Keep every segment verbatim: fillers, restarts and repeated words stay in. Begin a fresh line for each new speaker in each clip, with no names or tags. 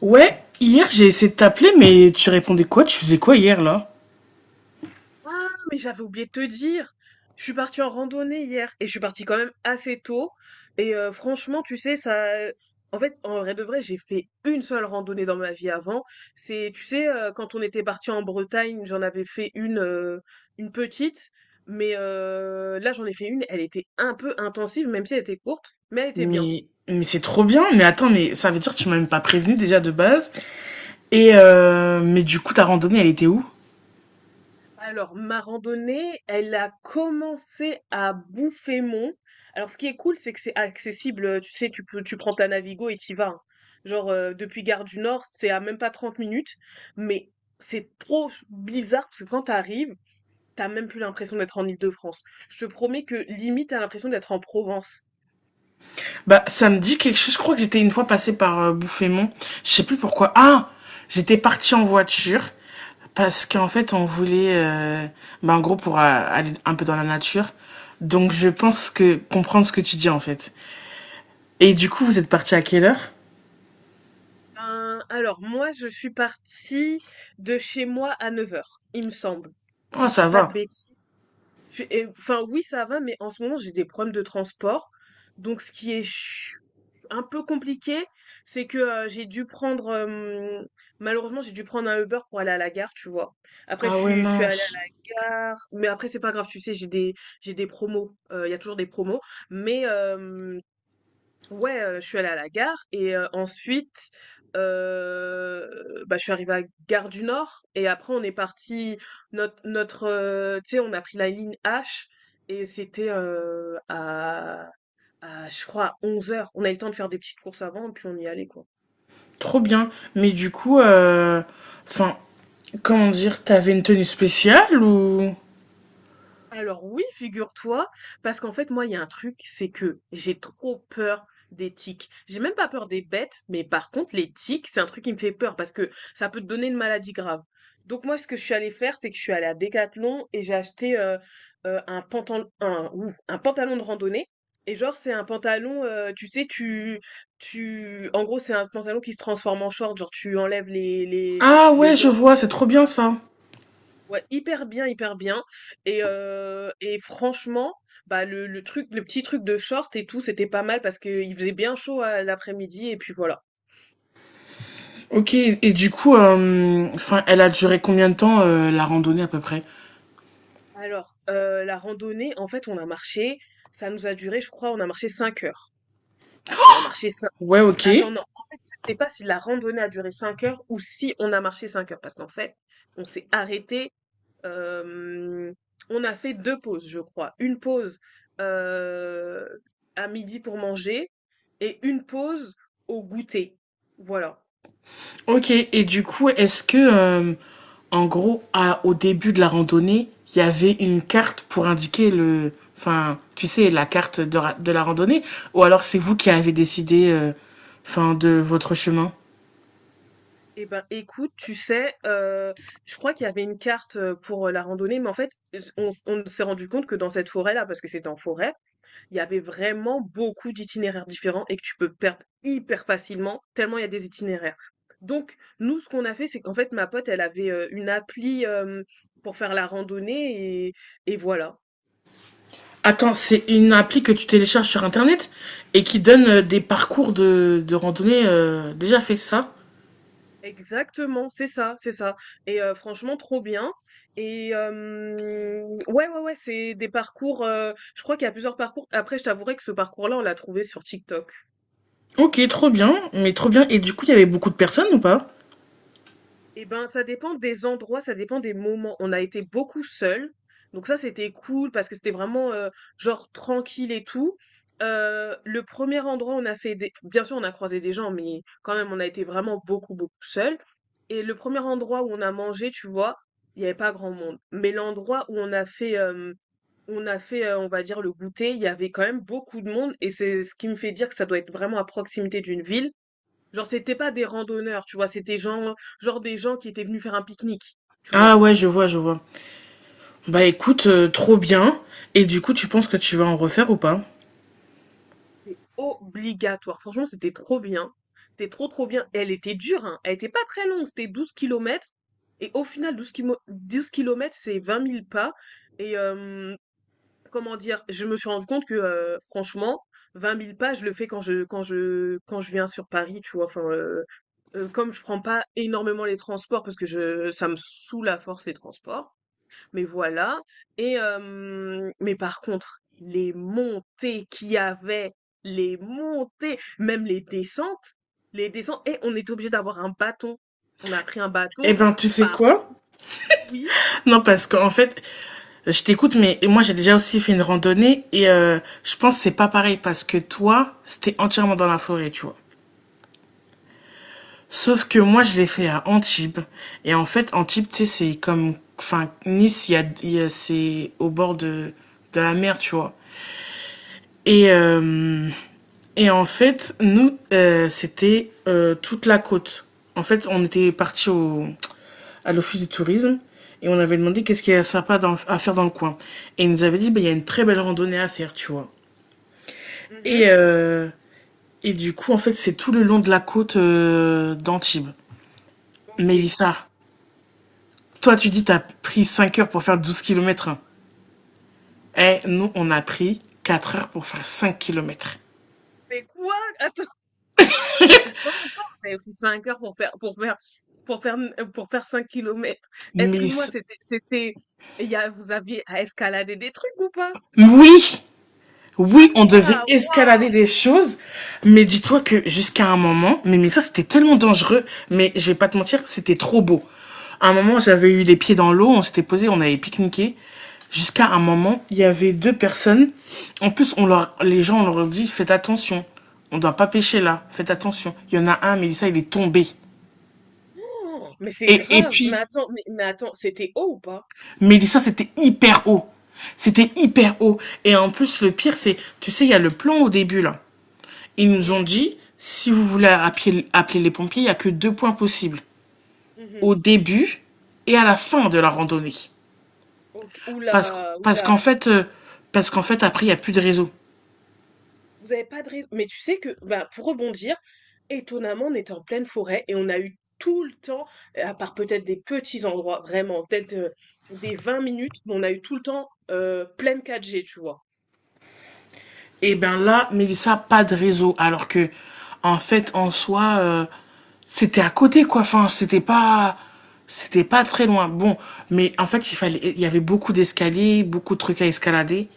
Ouais, hier j'ai essayé de t'appeler, mais tu répondais quoi? Tu faisais quoi hier là?
Ah, mais j'avais oublié de te dire. Je suis partie en randonnée hier et je suis partie quand même assez tôt. Et euh, franchement, tu sais, ça. En fait, en vrai de vrai, j'ai fait une seule randonnée dans ma vie avant. C'est, tu sais, euh, quand on était parti en Bretagne, j'en avais fait une, euh, une petite. Mais euh, là, j'en ai fait une. Elle était un peu intensive, même si elle était courte, mais elle était bien.
Mais, mais c'est trop bien. Mais attends, mais ça veut dire que tu m'as même pas prévenu déjà de base. Et euh, mais du coup, ta randonnée, elle était où?
Alors, ma randonnée, elle a commencé à Bouffaymont. Alors, ce qui est cool, c'est que c'est accessible. euh, Tu sais, tu peux, tu prends ta Navigo et t'y vas, hein. Genre, euh, depuis Gare du Nord, c'est à même pas trente minutes. Mais c'est trop bizarre parce que quand t'arrives, t'as même plus l'impression d'être en Île-de-France. Je te promets que limite, t'as l'impression d'être en Provence.
Bah, ça me dit quelque chose. Je crois que j'étais une fois passée par euh, Bouffémont. Je sais plus pourquoi. Ah, j'étais partie en voiture parce qu'en fait, on voulait, euh, bah, en gros, pour euh, aller un peu dans la nature. Donc, je pense que comprendre ce que tu dis en fait. Et du coup, vous êtes parti à quelle heure?
Ben, alors, moi, je suis partie de chez moi à neuf heures, il me semble.
Oh,
Si je dis
ça
pas de
va.
bêtises. J'ai et Enfin oui, ça va, mais en ce moment, j'ai des problèmes de transport. Donc ce qui est ch- un peu compliqué, c'est que euh, j'ai dû prendre euh, malheureusement, j'ai dû prendre un Uber pour aller à la gare, tu vois. Après
Ah
je
ouais,
suis je suis allée
mince.
à la gare, mais après c'est pas grave, tu sais, j'ai des j'ai des promos, euh, il y a toujours des promos, mais euh, ouais, heu, je suis allée à la gare et heu, ensuite, heu, bah, je suis arrivée à Gare du Nord et après on est parti notre notre, heu, tu sais, on a pris la ligne hache et c'était, heu, à à je crois à heures. On a eu le temps de faire des petites courses avant puis on y allait, quoi.
Trop bien. Mais du coup, euh, enfin, comment dire, t'avais une tenue spéciale ou
Alors oui, figure-toi, parce qu'en fait, moi, il y a un truc, c'est que j'ai trop peur des tiques. J'ai même pas peur des bêtes, mais par contre, les tiques, c'est un truc qui me fait peur parce que ça peut te donner une maladie grave. Donc moi, ce que je suis allée faire, c'est que je suis allée à Decathlon et j'ai acheté euh, euh, un pantalon, un, ouh, un pantalon de randonnée. Et genre, c'est un pantalon, euh, tu sais, tu, tu, en gros, c'est un pantalon qui se transforme en short. Genre, tu enlèves les, les,
ah
les
ouais, je
jambes.
vois, c'est trop bien ça.
Ouais, hyper bien, hyper bien. Et, heu et franchement, bah, le le truc le petit truc de short et tout, c'était pas mal parce qu'il faisait bien chaud à l'après-midi et puis voilà.
Ok, et du coup, euh, enfin, elle a duré combien de temps euh, la randonnée à peu près
Alors, heu, la randonnée, en fait, on a marché, ça nous a duré, je crois, on a marché cinq heures. Alors on a marché cinq,
ouais, ok.
attends, non, en fait, je sais pas si la randonnée a duré cinq heures ou si on a marché cinq heures parce qu'en fait, on s'est arrêté. Hem, on a fait deux pauses, je crois. Une pause, heu, à midi pour manger et une pause au goûter. Voilà.
Ok, et du coup, est-ce que, euh, en gros, à- au début de la randonnée, il y avait une carte pour indiquer le, enfin, tu sais, la carte de, ra- de la randonnée, ou alors c'est vous qui avez décidé, euh, enfin, de votre chemin
Et ben, écoute, tu sais, heu, je crois qu'il y avait une carte, heu, pour la randonnée, mais en fait, on on s'est rendu compte que dans cette forêt-là, parce que c'était en forêt, il y avait vraiment beaucoup d'itinéraires différents et que tu peux perdre hyper facilement, tellement il y a des itinéraires. Donc, nous, ce qu'on a fait, c'est qu'en fait, ma pote, elle avait euh, une appli euh, pour faire la randonnée et, et voilà.
attends, c'est une appli que tu télécharges sur internet et qui donne euh, des parcours de, de randonnée euh, déjà fait ça.
Exactement, c'est ça, c'est ça. Et euh, franchement, trop bien. Et euh, ouais, ouais, ouais, c'est des parcours. Euh, je crois qu'il y a plusieurs parcours. Après, je t'avouerai que ce parcours-là, on l'a trouvé sur TikTok.
Ok, trop bien, mais trop bien. Et du coup, il y avait beaucoup de personnes ou pas?
Eh ben, ça dépend des endroits, ça dépend des moments. On a été beaucoup seuls, donc ça, c'était cool parce que c'était vraiment, heu, genre tranquille et tout. Heu, le premier er endroit, on a fait des bien sûr, on a croisé des gens, mais quand même, on a été vraiment beaucoup, beaucoup seuls, et le premier endroit où on a mangé, tu vois, il y avait pas grand monde. Mais l'endroit où on a fait, hem, où on a fait, heu, on va dire le goûter, il y avait quand même beaucoup de monde et c'est ce qui me fait dire que ça doit être vraiment à proximité d'une ville. Genre, c'était pas des randonneurs, tu vois, c'était gens, genre des gens qui étaient venus faire un pique-nique, tu
Ah
vois.
ouais, je vois, je vois. Bah écoute, euh, trop bien. Et du coup, tu penses que tu vas en refaire ou pas?
C'est obligatoire. Franchement, c'était trop bien. C'était trop, trop bien. Elle était dure, hein. Elle était pas très longue, c'était douze kilomètres. Et au final, douze kilo- douze kilomètres, c'est vingt mille pas. Et euh, comment dire, je me suis rendu compte que, euh, franchement, vingt mille pas, je le fais quand je, quand je, quand je viens sur Paris, tu vois. Enfin, euh, euh, comme je prends pas énormément les transports parce que je, ça me saoule à force les transports. Mais voilà. Et hem, mais par contre, les montées qu'il y avait, les montées, même les descentes, les descentes, et on est obligé d'avoir un bâton. On a pris un
Eh
bâton
ben, tu sais
par
quoi?
oui,
Non, parce qu'en fait, je t'écoute, mais moi j'ai déjà aussi fait une randonnée et euh, je pense que c'est pas pareil parce que toi, c'était entièrement dans la forêt, tu vois. Sauf que moi, je l'ai fait à Antibes. Et en fait, Antibes, tu sais, c'est comme. Enfin, Nice, il y a, il y a- c'est au bord de, de la mer, tu vois. Et, euh, et en fait, nous, euh, c'était euh, toute la côte. En fait, on était parti au, à l'office du tourisme et on avait demandé qu'est-ce qu'il y a sympa dans- à faire dans le coin. Et ils nous avaient dit, bah, il y a une très belle randonnée à faire, tu vois.
mmh,
Et, euh, et du coup, en fait, c'est tout le long de la côte euh, d'Antibes.
OK.
Mélissa. Toi, tu dis, t'as pris cinq heures pour faire douze kilomètres. Eh, nous, on a pris quatre heures pour faire cinq kilomètres.
Mais quoi? Attends, attends, comment ça vous avez pris cinq heures pour faire pour faire pour faire, mmh, pour faire cinq kilomètres. Excuse-moi,
Mais,
c'était c'était, il y a vous aviez à escalader des trucs ou pas?
oui, oui, on devait
Ah! Waouh!
escalader des choses. Mais dis-toi que jusqu'à un moment, mais, mais ça, c'était tellement dangereux. Mais je vais pas te mentir, c'était trop beau. À un moment, j'avais eu les pieds dans l'eau, on s'était posé, on avait pique-niqué. Jusqu'à un moment, il y avait deux personnes. En plus, on leur, les gens, on leur dit, faites attention. On ne doit pas pêcher là. Faites attention. Il y en a un, Mélissa, il est tombé.
Oh, mais c'est
Et, et
grave. Mais
puis,
attends, mais, mais attends, c'était haut ou pas?
Mélissa, c'était hyper haut. C'était hyper haut. Et en plus, le pire, c'est, tu sais, il y a le plan au début, là. Ils nous ont
Oui.
dit, si vous voulez appeler, appeler les pompiers, il n'y a que deux points possibles.
Mhm.
Au début et à la fin de la randonnée.
Ok. Oula,
Parce, parce
oula.
qu'en fait, euh, parce qu'en fait, après, il n'y a plus de réseau.
Vous avez pas de raison. Mais tu sais que, bah, pour rebondir, étonnamment, on était en pleine forêt et on a eu tout le temps, euh, à part peut-être des petits endroits, vraiment, peut-être euh, des vingt minutes, mais on a eu tout le temps euh, pleine quatre g, tu vois.
Et bien là, Mélissa, pas de réseau. Alors que, en fait, en soi, euh, c'était à côté, quoi. Enfin, c'était pas. C'était pas très loin. Bon, mais en fait, il fallait, il y avait beaucoup d'escaliers, beaucoup de trucs à escalader.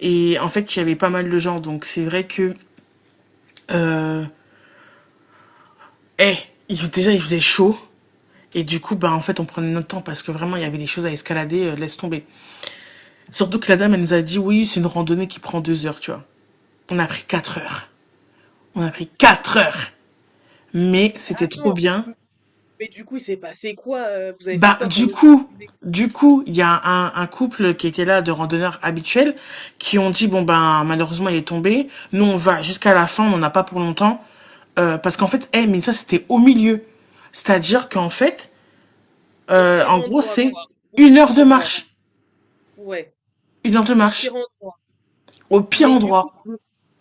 Et en fait, il y avait pas mal de gens. Donc, c'est vrai que, euh, eh, il- déjà, il faisait chaud. Et du coup, bah, en fait, on prenait notre temps parce que vraiment, il y avait des choses à escalader, euh, laisse tomber. Surtout que la dame, elle nous a dit, oui, c'est une randonnée qui prend deux heures, tu vois. On a pris quatre heures. On a pris quatre heures. Mais
Mais
c'était
attends,
trop bien.
m- mais du coup, il s'est passé quoi? Euh, vous avez fait
Bah,
quoi quand
du
l'autre s'est
coup,
retrouvé
du coup, il y a un, un couple qui était là de randonneurs habituels qui ont dit bon ben malheureusement il est tombé. Nous on va jusqu'à la fin, on n'en a pas pour longtemps. Euh, parce qu'en fait, eh mais ça c'était au milieu. C'est-à-dire qu'en fait,
au
euh,
pire
en gros
endroit,
c'est
quoi. Au
une
pire
heure de
endroit.
marche,
Ouais,
une heure de
au pire
marche
endroit.
au pire
Mais du coup,
endroit.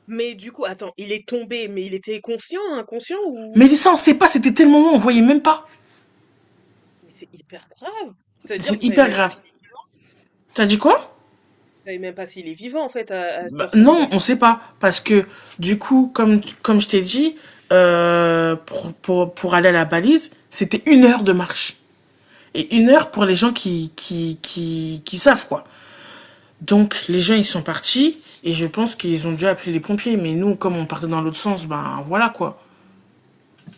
Mais du coup, attends, il est tombé, mais il était conscient, inconscient ou?
Mais ça on sait pas, c'était tellement long, on voyait même pas.
Mais c'est hyper grave. C'est-à-dire, vous
C'est
savez
hyper
même pas
grave.
s'il est,
T'as dit quoi?
vous savez même pas s'il est vivant en fait à, à cette
Bah, non,
heure-ci-là.
on sait pas. Parce que, du coup, comme, comme je t'ai dit, euh, pour, pour, pour aller à la balise, c'était une heure de marche. Et une heure pour les gens qui, qui, qui, qui savent, quoi. Donc, les gens, ils sont partis. Et je pense qu'ils ont dû appeler les pompiers. Mais nous, comme on partait dans l'autre sens, ben voilà, quoi.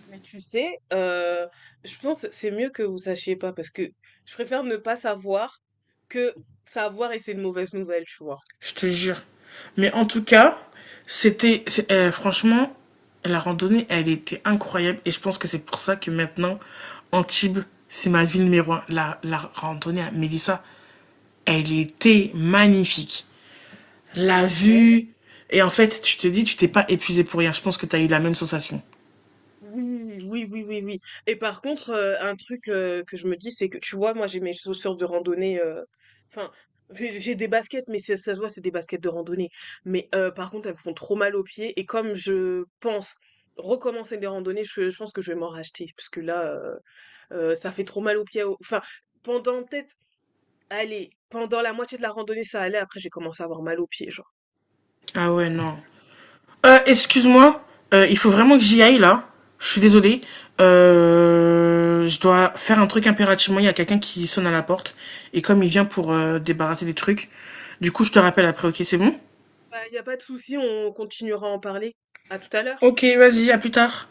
Mais tu sais, euh, je pense que c'est mieux que vous sachiez pas parce que je préfère ne pas savoir que savoir et c'est une mauvaise nouvelle, tu vois.
Je te jure. Mais en tout cas, c'était euh, franchement la randonnée, elle était incroyable et je pense que c'est pour ça que maintenant Antibes, c'est ma ville numéro un. La, la randonnée à Mélissa, elle était magnifique.
C'est
La
vrai.
vue et en fait, tu te dis, tu t'es pas épuisé pour rien. Je pense que tu as eu la même sensation.
Oui, oui, oui, oui, oui. Et par contre, euh, un truc euh, que je me dis, c'est que tu vois, moi j'ai mes chaussures de randonnée. euh, Enfin, j'ai j'ai des baskets, mais c'est- ça se voit, c'est des baskets de randonnée. Mais euh, par contre, elles me font trop mal aux pieds. Et comme je pense recommencer des randonnées, je, je pense que je vais m'en racheter. Parce que là, euh, euh, ça fait trop mal aux pieds. au- Enfin, pendant peut-être, allez, pendant la moitié de la randonnée, ça allait. Après, j'ai commencé à avoir mal aux pieds, genre.
Ah ouais, non. Euh, excuse-moi, euh, il faut vraiment que j'y aille là. Je suis désolée. Euh, je dois faire un truc impérativement. Il y a quelqu'un qui sonne à la porte. Et comme il vient pour euh, débarrasser des trucs, du coup, je te rappelle après, ok, c'est bon?
Bah, y a pas de souci, on continuera à en parler. À tout à l'heure.
Ok, vas-y, à plus tard.